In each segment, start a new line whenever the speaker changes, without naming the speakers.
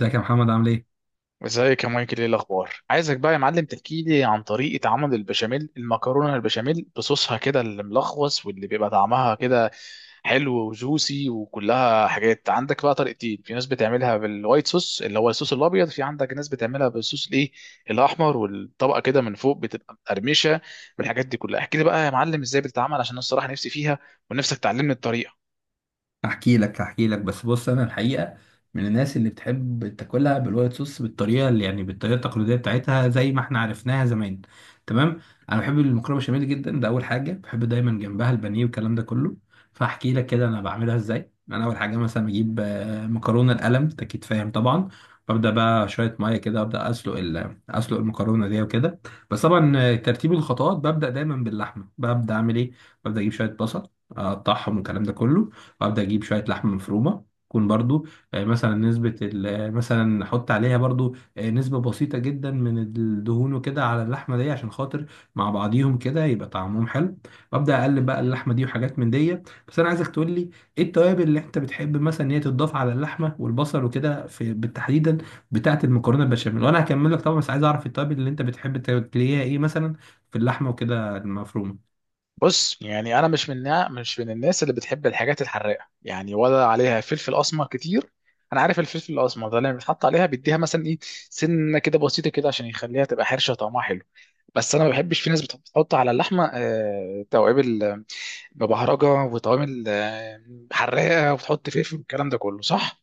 ازيك يا محمد، عامل ايه؟
ازيك يا مايكل، ايه الاخبار؟ عايزك بقى يا معلم تحكي لي عن طريقه عمل البشاميل المكرونه، البشاميل بصوصها كده اللي ملخص واللي بيبقى طعمها كده حلو وجوسي وكلها حاجات. عندك بقى طريقتين، في ناس بتعملها بالوايت صوص اللي هو الصوص الابيض، في عندك ناس بتعملها بالصوص الايه الاحمر والطبقه كده من فوق بتبقى مقرمشه. والحاجات دي كلها احكي لي بقى يا معلم ازاي بتتعمل، عشان انا الصراحه نفسي فيها ونفسك تعلمني الطريقه.
هحكي لك. بس بص، انا الحقيقه من الناس اللي بتحب تاكلها بالوايت صوص، بالطريقه اللي يعني بالطريقه التقليديه بتاعتها زي ما احنا عرفناها زمان. تمام. انا بحب المكرونه بشاميل جدا، ده اول حاجه، بحب دايما جنبها البانيه والكلام ده كله. فاحكي لك كده انا بعملها ازاي. انا اول حاجه مثلا بجيب مكرونه القلم، انت اكيد فاهم طبعا. ببدا بقى شويه ميه كده، ابدا اسلق المكرونه دي وكده. بس طبعا ترتيب الخطوات، ببدا دايما باللحمه. ببدا اعمل ايه؟ ببدا اجيب شويه بصل، اقطعهم والكلام ده كله. وابدا اجيب شويه لحمه مفرومه، تكون برضو مثلا احط عليها برضو نسبة بسيطة جدا من الدهون وكده على اللحمة دي، عشان خاطر مع بعضيهم كده يبقى طعمهم حلو. وابدا اقلب بقى اللحمة دي وحاجات من دي. بس انا عايزك تقول لي، ايه التوابل اللي انت بتحب مثلا ان هي تضاف على اللحمة والبصل وكده، في بالتحديدا بتاعة المكرونة البشاميل؟ وانا هكمل لك طبعا، بس عايز اعرف التوابل اللي انت بتحب تلاقيها ايه مثلا في اللحمة وكده المفرومة.
بص يعني انا مش من الناس اللي بتحب الحاجات الحراقه، يعني ولا عليها فلفل اسمر كتير. انا عارف الفلفل الاسمر ده لما بيتحط عليها بيديها مثلا ايه، سنه كده بسيطه كده عشان يخليها تبقى حرشه طعمها حلو. بس انا ما بحبش، في ناس بتحط على اللحمه توابل، ببهرجه وتوابل حراقه، وتحط فلفل والكلام ده كله، صح؟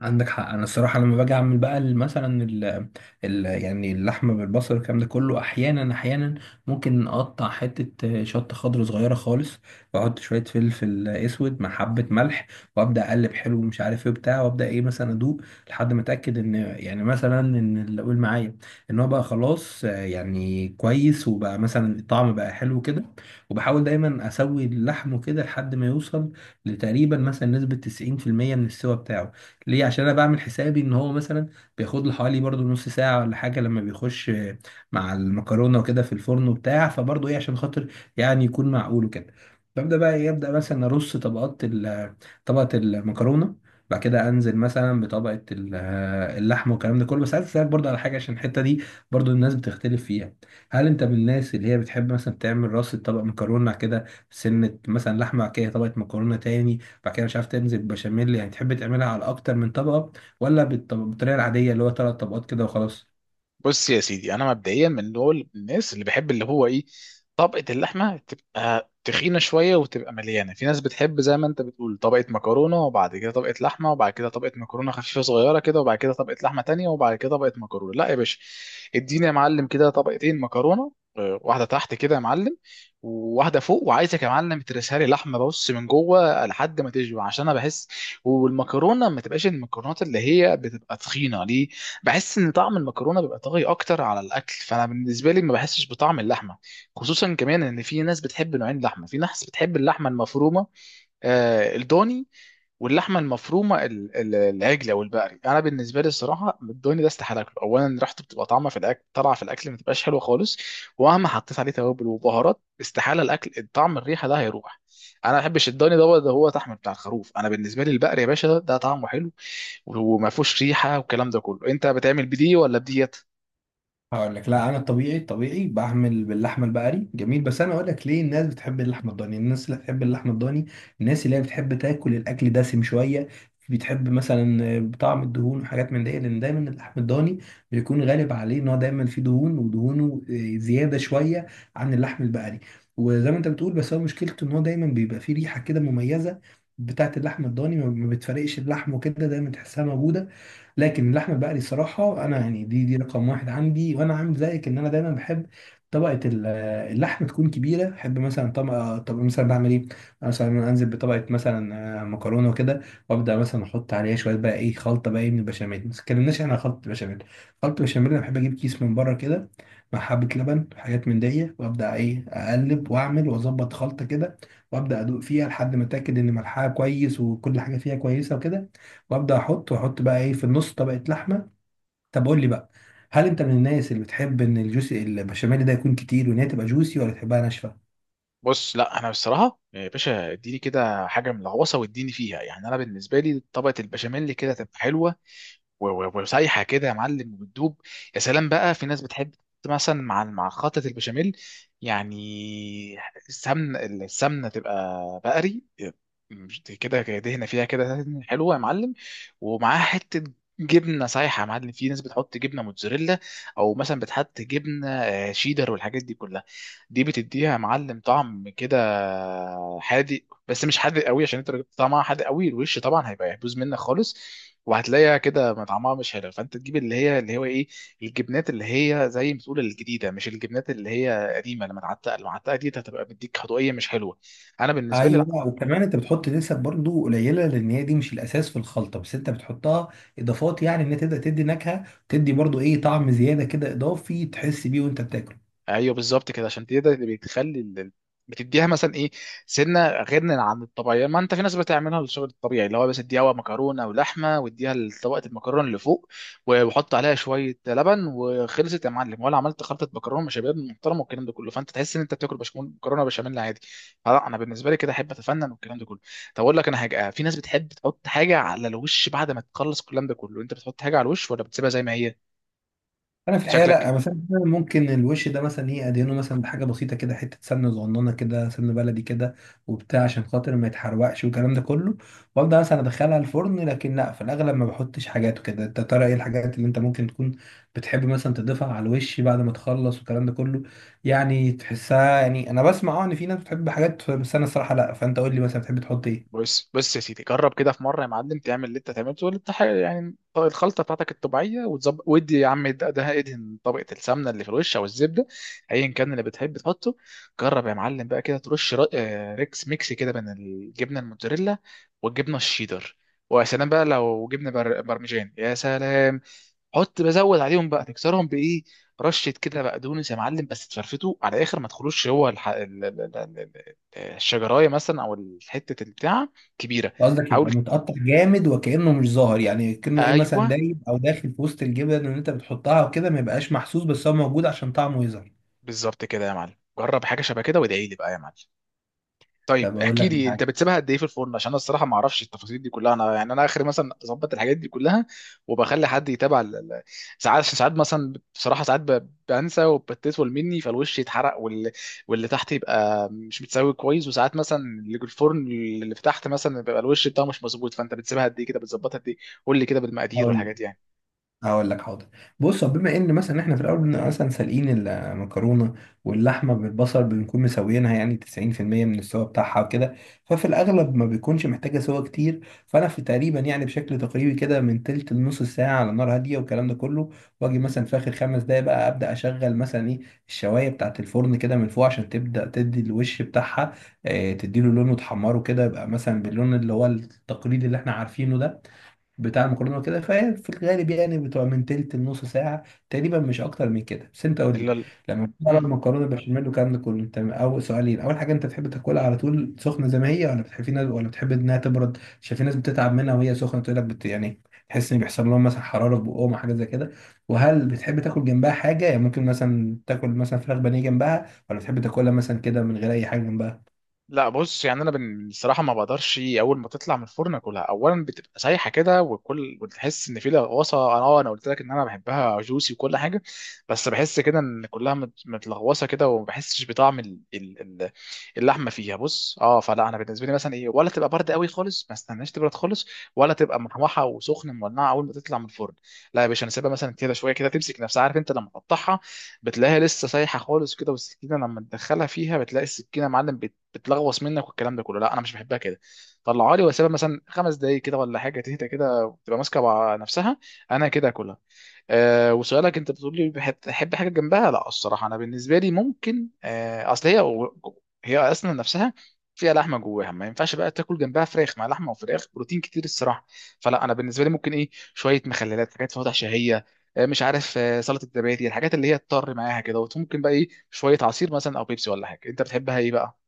عندك حق. انا الصراحه لما باجي اعمل بقى ال- مثلا ال ال يعني اللحمه بالبصل والكلام ده كله، احيانا ممكن اقطع حته شطه خضر صغيره خالص، واحط شويه فلفل اسود مع حبه ملح، وابدا اقلب حلو ومش عارف ايه بتاع، وابدا ايه مثلا ادوق لحد ما اتاكد ان يعني مثلا ان اللي اقول معايا ان هو بقى خلاص يعني كويس، وبقى مثلا الطعم بقى حلو كده. وبحاول دايما اسوي اللحم كده لحد ما يوصل لتقريبا مثلا نسبه 90% من السوا بتاعه. ليه؟ عشان انا بعمل حسابي ان هو مثلا بياخد له حوالي برضو نص ساعه ولا حاجه لما بيخش مع المكرونه وكده في الفرن وبتاع، فبرضو ايه عشان خاطر يعني يكون معقول وكده. ببدا بقى ابدا مثلا ارص طبقات طبقه المكرونه، بعد كده انزل مثلا بطبقه اللحمه والكلام ده كله. بس عايز اسالك برضو على حاجه، عشان الحته دي برضو الناس بتختلف فيها. هل انت من الناس اللي هي بتحب مثلا تعمل راس طبق مكرونه كده سنه، مثلا لحمه، بعد كده طبقه مكرونه تاني، بعد كده مش عارف تمزج بشاميل، يعني تحب تعملها على اكتر من طبقه، ولا بالطريقه العاديه اللي هو ثلاث طبقات كده وخلاص؟
بص يا سيدي، انا مبدئيا من دول الناس اللي بحب اللي هو ايه، طبقه اللحمه تبقى تخينه شويه وتبقى مليانه. في ناس بتحب زي ما انت بتقول طبقه مكرونه وبعد كده طبقه لحمه وبعد كده طبقه مكرونه خفيفه صغيره كده وبعد كده طبقه لحمه تانية وبعد كده طبقه مكرونه. لا يا باشا، اديني يا معلم كده طبقتين مكرونه، واحده تحت كده يا معلم وواحده فوق، وعايزك يا معلم ترسها لي لحمه، بص من جوه لحد ما تشبع، عشان انا بحس والمكرونه ما تبقاش المكرونات اللي هي بتبقى تخينه. ليه؟ بحس ان طعم المكرونه بيبقى طاغي اكتر على الاكل، فانا بالنسبه لي ما بحسش بطعم اللحمه. خصوصا كمان ان في ناس بتحب نوعين لحمه، في ناس بتحب اللحمه المفرومه، آه الضاني، واللحمه المفرومه العجل او البقري. انا بالنسبه لي الصراحه الدوني ده استحاله اكله، اولا ريحته بتبقى طعمه في الاكل طالعه في الاكل ما تبقاش حلوه خالص، ومهما حطيت عليه توابل وبهارات استحاله الاكل الطعم الريحه ده هيروح. انا ما بحبش الدوني ده، ده هو طعم بتاع الخروف. انا بالنسبه لي البقري يا باشا، ده طعمه حلو وما فيهوش ريحه والكلام ده كله. انت بتعمل بدي ولا بديت؟
هقول لك. لا انا الطبيعي، الطبيعي بعمل باللحمه البقري جميل، بس انا اقول لك ليه الناس بتحب اللحمه الضاني. الناس اللي بتحب اللحمه الضاني، الناس اللي هي بتحب تاكل الاكل دسم شويه، بتحب مثلا بطعم الدهون وحاجات من دي، لان دايما اللحم الضاني بيكون غالب عليه ان هو دايما فيه دهون، ودهونه زياده شويه عن اللحم البقري. وزي ما انت بتقول، بس هو مشكلته ان هو دايما بيبقى فيه ريحه كده مميزه بتاعت اللحم الضاني، ما بتفرقش اللحم وكده، دايما تحسها موجوده. لكن اللحمه البقري صراحه انا يعني دي رقم واحد عندي، وانا عامل زيك، ان انا دايما بحب طبقه اللحمه تكون كبيره. احب مثلا طبقه، طب مثلا بعمل ايه؟ مثلا انزل بطبقه مثلا مكرونه وكده، وابدا مثلا احط عليها شويه بقى ايه خلطه بقى ايه من البشاميل. ما اتكلمناش احنا عن خلطه البشاميل. خلطه البشاميل انا بحب اجيب كيس من بره كده، مع حبه لبن حاجات من دي، وابدا ايه اقلب واعمل واظبط خلطه كده، وابدا ادوق فيها لحد ما اتاكد ان ملحها كويس وكل حاجه فيها كويسه وكده. وابدا احط واحط بقى ايه في النص طبقه لحمه. طب قول لي بقى، هل انت من الناس اللي بتحب ان الجوسي البشاميل ده يكون كتير، وان هي تبقى جوسي، ولا تحبها ناشفه؟
بص لا، انا بصراحه يا باشا اديني كده حاجه من الغوصه واديني فيها، يعني انا بالنسبه لي طبقه البشاميل كده تبقى حلوه وسايحه كده يا معلم وبتدوب. يا سلام بقى! في ناس بتحب مثلا مع خلطه البشاميل، يعني السمن، السمنه تبقى بقري، مش كده كده دهنه فيها كده حلوه يا معلم، ومعاها حته جبنه سايحه يا معلم. في ناس بتحط جبنه موتزاريلا، او مثلا بتحط جبنه شيدر والحاجات دي كلها، دي بتديها يا معلم طعم كده حادق. بس مش حادق قوي، عشان انت لو جبت طعمها حادق قوي الوش طبعا هيبقى يبوظ منك خالص وهتلاقيها كده ما طعمها مش حلو، فانت تجيب اللي هي اللي هو ايه، الجبنات اللي هي زي ما تقول الجديده، مش الجبنات اللي هي قديمه، لما تعتق المعتقه دي هتبقى بتديك خطويه مش حلوه. انا بالنسبه لي
ايوه. وكمان انت بتحط نسب برضو قليله، لان هي دي مش الاساس في الخلطه، بس انت بتحطها اضافات، يعني ان هي تبدا تدي نكهه، تدي برضو ايه طعم زياده كده اضافي تحس بيه وانت بتاكل.
ايوه بالظبط كده، عشان دي ده اللي بتخلي بتديها مثلا ايه سنه غير عن الطبيعيه. ما انت في ناس بتعملها للشغل الطبيعي اللي هو بس اديها مكرونه ولحمه واديها طبقه المكرونه اللي فوق وحط عليها شويه لبن وخلصت يا معلم، ولا عملت خلطه مكرونه شباب محترمه والكلام ده كله، فانت تحس ان انت بتاكل بشاميل مكرونه بشاميل عادي. لا انا بالنسبه لي كده احب اتفنن والكلام ده كله. طب اقول لك انا حاجه، في ناس بتحب تحط حاجه على الوش بعد ما تخلص الكلام ده كله، انت بتحط حاجه على الوش ولا بتسيبها زي ما هي؟
انا في الحقيقه لا،
شكلك.
مثلا ممكن الوش ده مثلا ايه ادهنه مثلا بحاجه بسيطه كده، حته سمنه صغننه كده، سمنه بلدي كده وبتاع، عشان خاطر ما يتحرقش والكلام ده كله، وابدا مثلا ادخلها الفرن. لكن لا، في الاغلب ما بحطش حاجات وكده. انت ترى ايه الحاجات اللي انت ممكن تكون بتحب مثلا تضيفها على الوش بعد ما تخلص والكلام ده كله، يعني تحسها، يعني انا بسمع اه ان في ناس بتحب حاجات، بس انا الصراحه لا. فانت قول لي مثلا بتحب تحط ايه؟
بص يا سيدي، جرب كده في مره يا معلم تعمل اللي انت تعمله، ولا الخلطه بتاعتك الطبيعيه وتظبط، ودي يا عم ده ادهن طبقه السمنه اللي في الوش او الزبده، ايا كان اللي بتحب تحطه. جرب يا معلم بقى كده ترش ريكس ميكس كده بين الجبنه الموتزاريلا والجبنه الشيدر، ويا سلام بقى لو جبنه برمجان، يا سلام! حط بزود عليهم بقى، تكسرهم بايه؟ رشه كده بقدونس يا معلم، بس تفرفته على الاخر ما تخلوش هو الشجرايه مثلا او حته البتاع كبيره.
قصدك يبقى
حاول.
متقطع جامد وكأنه مش ظاهر، يعني كأنه ايه مثلا
ايوه
دايب او داخل في وسط الجبن اللي انت بتحطها وكده، ما يبقاش محسوس بس هو موجود عشان طعمه يظهر؟
بالظبط كده يا معلم، جرب حاجه شبه كده وادعي لي بقى يا معلم. طيب
طب اقول
احكي
لك
لي، انت
حاجه.
بتسيبها قد ايه في الفرن؟ عشان انا الصراحه ما اعرفش التفاصيل دي كلها. انا يعني انا اخر مثلا اظبط الحاجات دي كلها، وبخلي حد يتابع ساعات، ساعات مثلا بصراحه ساعات بنسى وبتطول مني فالوش يتحرق واللي تحت يبقى مش متساوي كويس، وساعات مثلا اللي في الفرن اللي في تحت مثلا بيبقى الوش بتاعه مش مظبوط. فانت بتسيبها قد ايه كده؟ بتظبطها قد ايه؟ قول لي كده بالمقادير
هقول لك
والحاجات،
هقول لك حاضر. بص، هو بما ان مثلا احنا في الاول مثلا سالقين المكرونه، واللحمه بالبصل بنكون مسويينها يعني 90% من السوا بتاعها وكده، ففي الاغلب ما بيكونش محتاجه سوا كتير. فانا في تقريبا يعني بشكل تقريبي كده من تلت لنص ساعه على نار هاديه والكلام ده كله، واجي مثلا في اخر خمس دقايق بقى ابدا اشغل مثلا ايه الشوايه بتاعه الفرن كده من فوق، عشان تبدا تدي الوش بتاعها اه، تديله لون وتحمره كده، يبقى مثلا باللون اللي هو التقليدي اللي احنا عارفينه ده بتاع المكرونه وكده. فهي في الغالب يعني بتبقى من تلت لنص ساعه تقريبا، مش اكتر من كده. بس انت قول
يعني.
لي، لما بتعمل
إمم.
المكرونه بشاميل والكلام ده كله، انت اول سؤالين، اول حاجه، انت بتحب تاكلها على طول سخنه زي ما هي، ولا بتحب في ناس، ولا بتحب انها تبرد عشان في ناس بتتعب منها وهي سخنه تقول لك بت يعني تحس ان بيحصل لهم مثلا حراره في بقهم حاجه زي كده؟ وهل بتحب تاكل جنبها حاجه، يعني ممكن مثلا تاكل مثلا فراخ بانيه جنبها، ولا بتحب تاكلها مثلا كده من غير اي حاجه جنبها؟
لا بص، يعني انا الصراحه ما بقدرش اول ما تطلع من الفرن اكلها، اولا بتبقى سايحه كده وكل وتحس ان في لغوصه. انا اه انا قلت لك ان انا بحبها جوسي وكل حاجه، بس بحس كده ان كلها متلغوصه كده وما بحسش بطعم اللحمه فيها، بص اه. فلا انا بالنسبه لي مثلا ايه، ولا تبقى بارده قوي خالص ما استناش تبرد خالص، ولا تبقى محمحه وسخنه مولعه اول ما تطلع من الفرن. لا يا باشا، انا سيبها مثلا كده شويه كده تمسك نفسها. عارف انت لما تقطعها بتلاقيها لسه سايحه خالص كده، والسكينه لما تدخلها فيها بتلاقي السكينه يا معلم بتلغوص منك والكلام ده كله، لا انا مش بحبها كده. طلعها لي واسيبها مثلا 5 دقايق كده ولا حاجه تهدى كده وتبقى ماسكه مع نفسها، انا كده اكلها. أه، وسؤالك انت بتقول لي بحب تحب حاجه جنبها، لا الصراحه انا بالنسبه لي ممكن، أه اصل هي، هي اصلا نفسها فيها لحمه جواها، ما ينفعش بقى تاكل جنبها فراخ، مع لحمه وفراخ بروتين كتير الصراحه. فلا انا بالنسبه لي ممكن ايه شويه مخللات، حاجات فواتح شهيه، مش عارف، سلطه الزبادي، الحاجات اللي هي تضطر معاها كده، وممكن بقى ايه شويه عصير مثلا او بيبسي ولا حاجه، انت بتحبها ايه بقى؟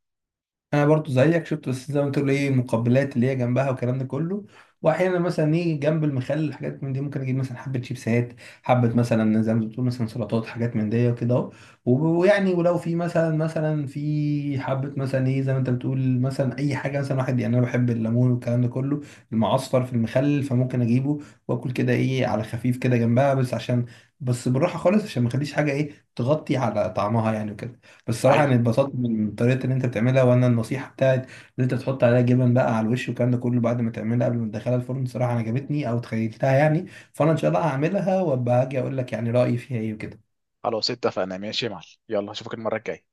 انا برضو زيك شفت، بس زي ما تقول ايه المقبلات اللي هي جنبها والكلام ده كله، واحيانا مثلا ايه جنب المخلل الحاجات من دي، ممكن اجيب مثلا حبه شيبسات، حبه مثلا زي ما بتقول مثلا سلطات حاجات من دي وكده اهو، و- ويعني، ولو في مثلا في حبه مثلا ايه زي ما انت بتقول مثلا اي حاجه مثلا واحد، يعني انا بحب الليمون والكلام ده كله، المعصفر في المخلل فممكن اجيبه، واكل كده ايه على خفيف كده جنبها، بس عشان، بس بالراحه خالص عشان ما اخليش حاجه ايه تغطي على طعمها يعني وكده. بصراحة
ايوه
أنا اتبسطت من طريقة اللي أنت بتعملها، وأنا النصيحة بتاعت إن أنت تحط عليها جبن بقى على الوش والكلام ده كله بعد ما تعملها قبل ما تدخلها الفرن، صراحة أنا عجبتني أو تخيلتها يعني. فأنا إن شاء الله هعملها وأبقى هاجي أقول لك يعني رأيي فيها إيه وكده.
خلاص اتفقنا، ماشي يا معلم، يلا اشوفك المرة الجاية.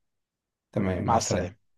تمام،
مع
مع
السلامة.
السلامة.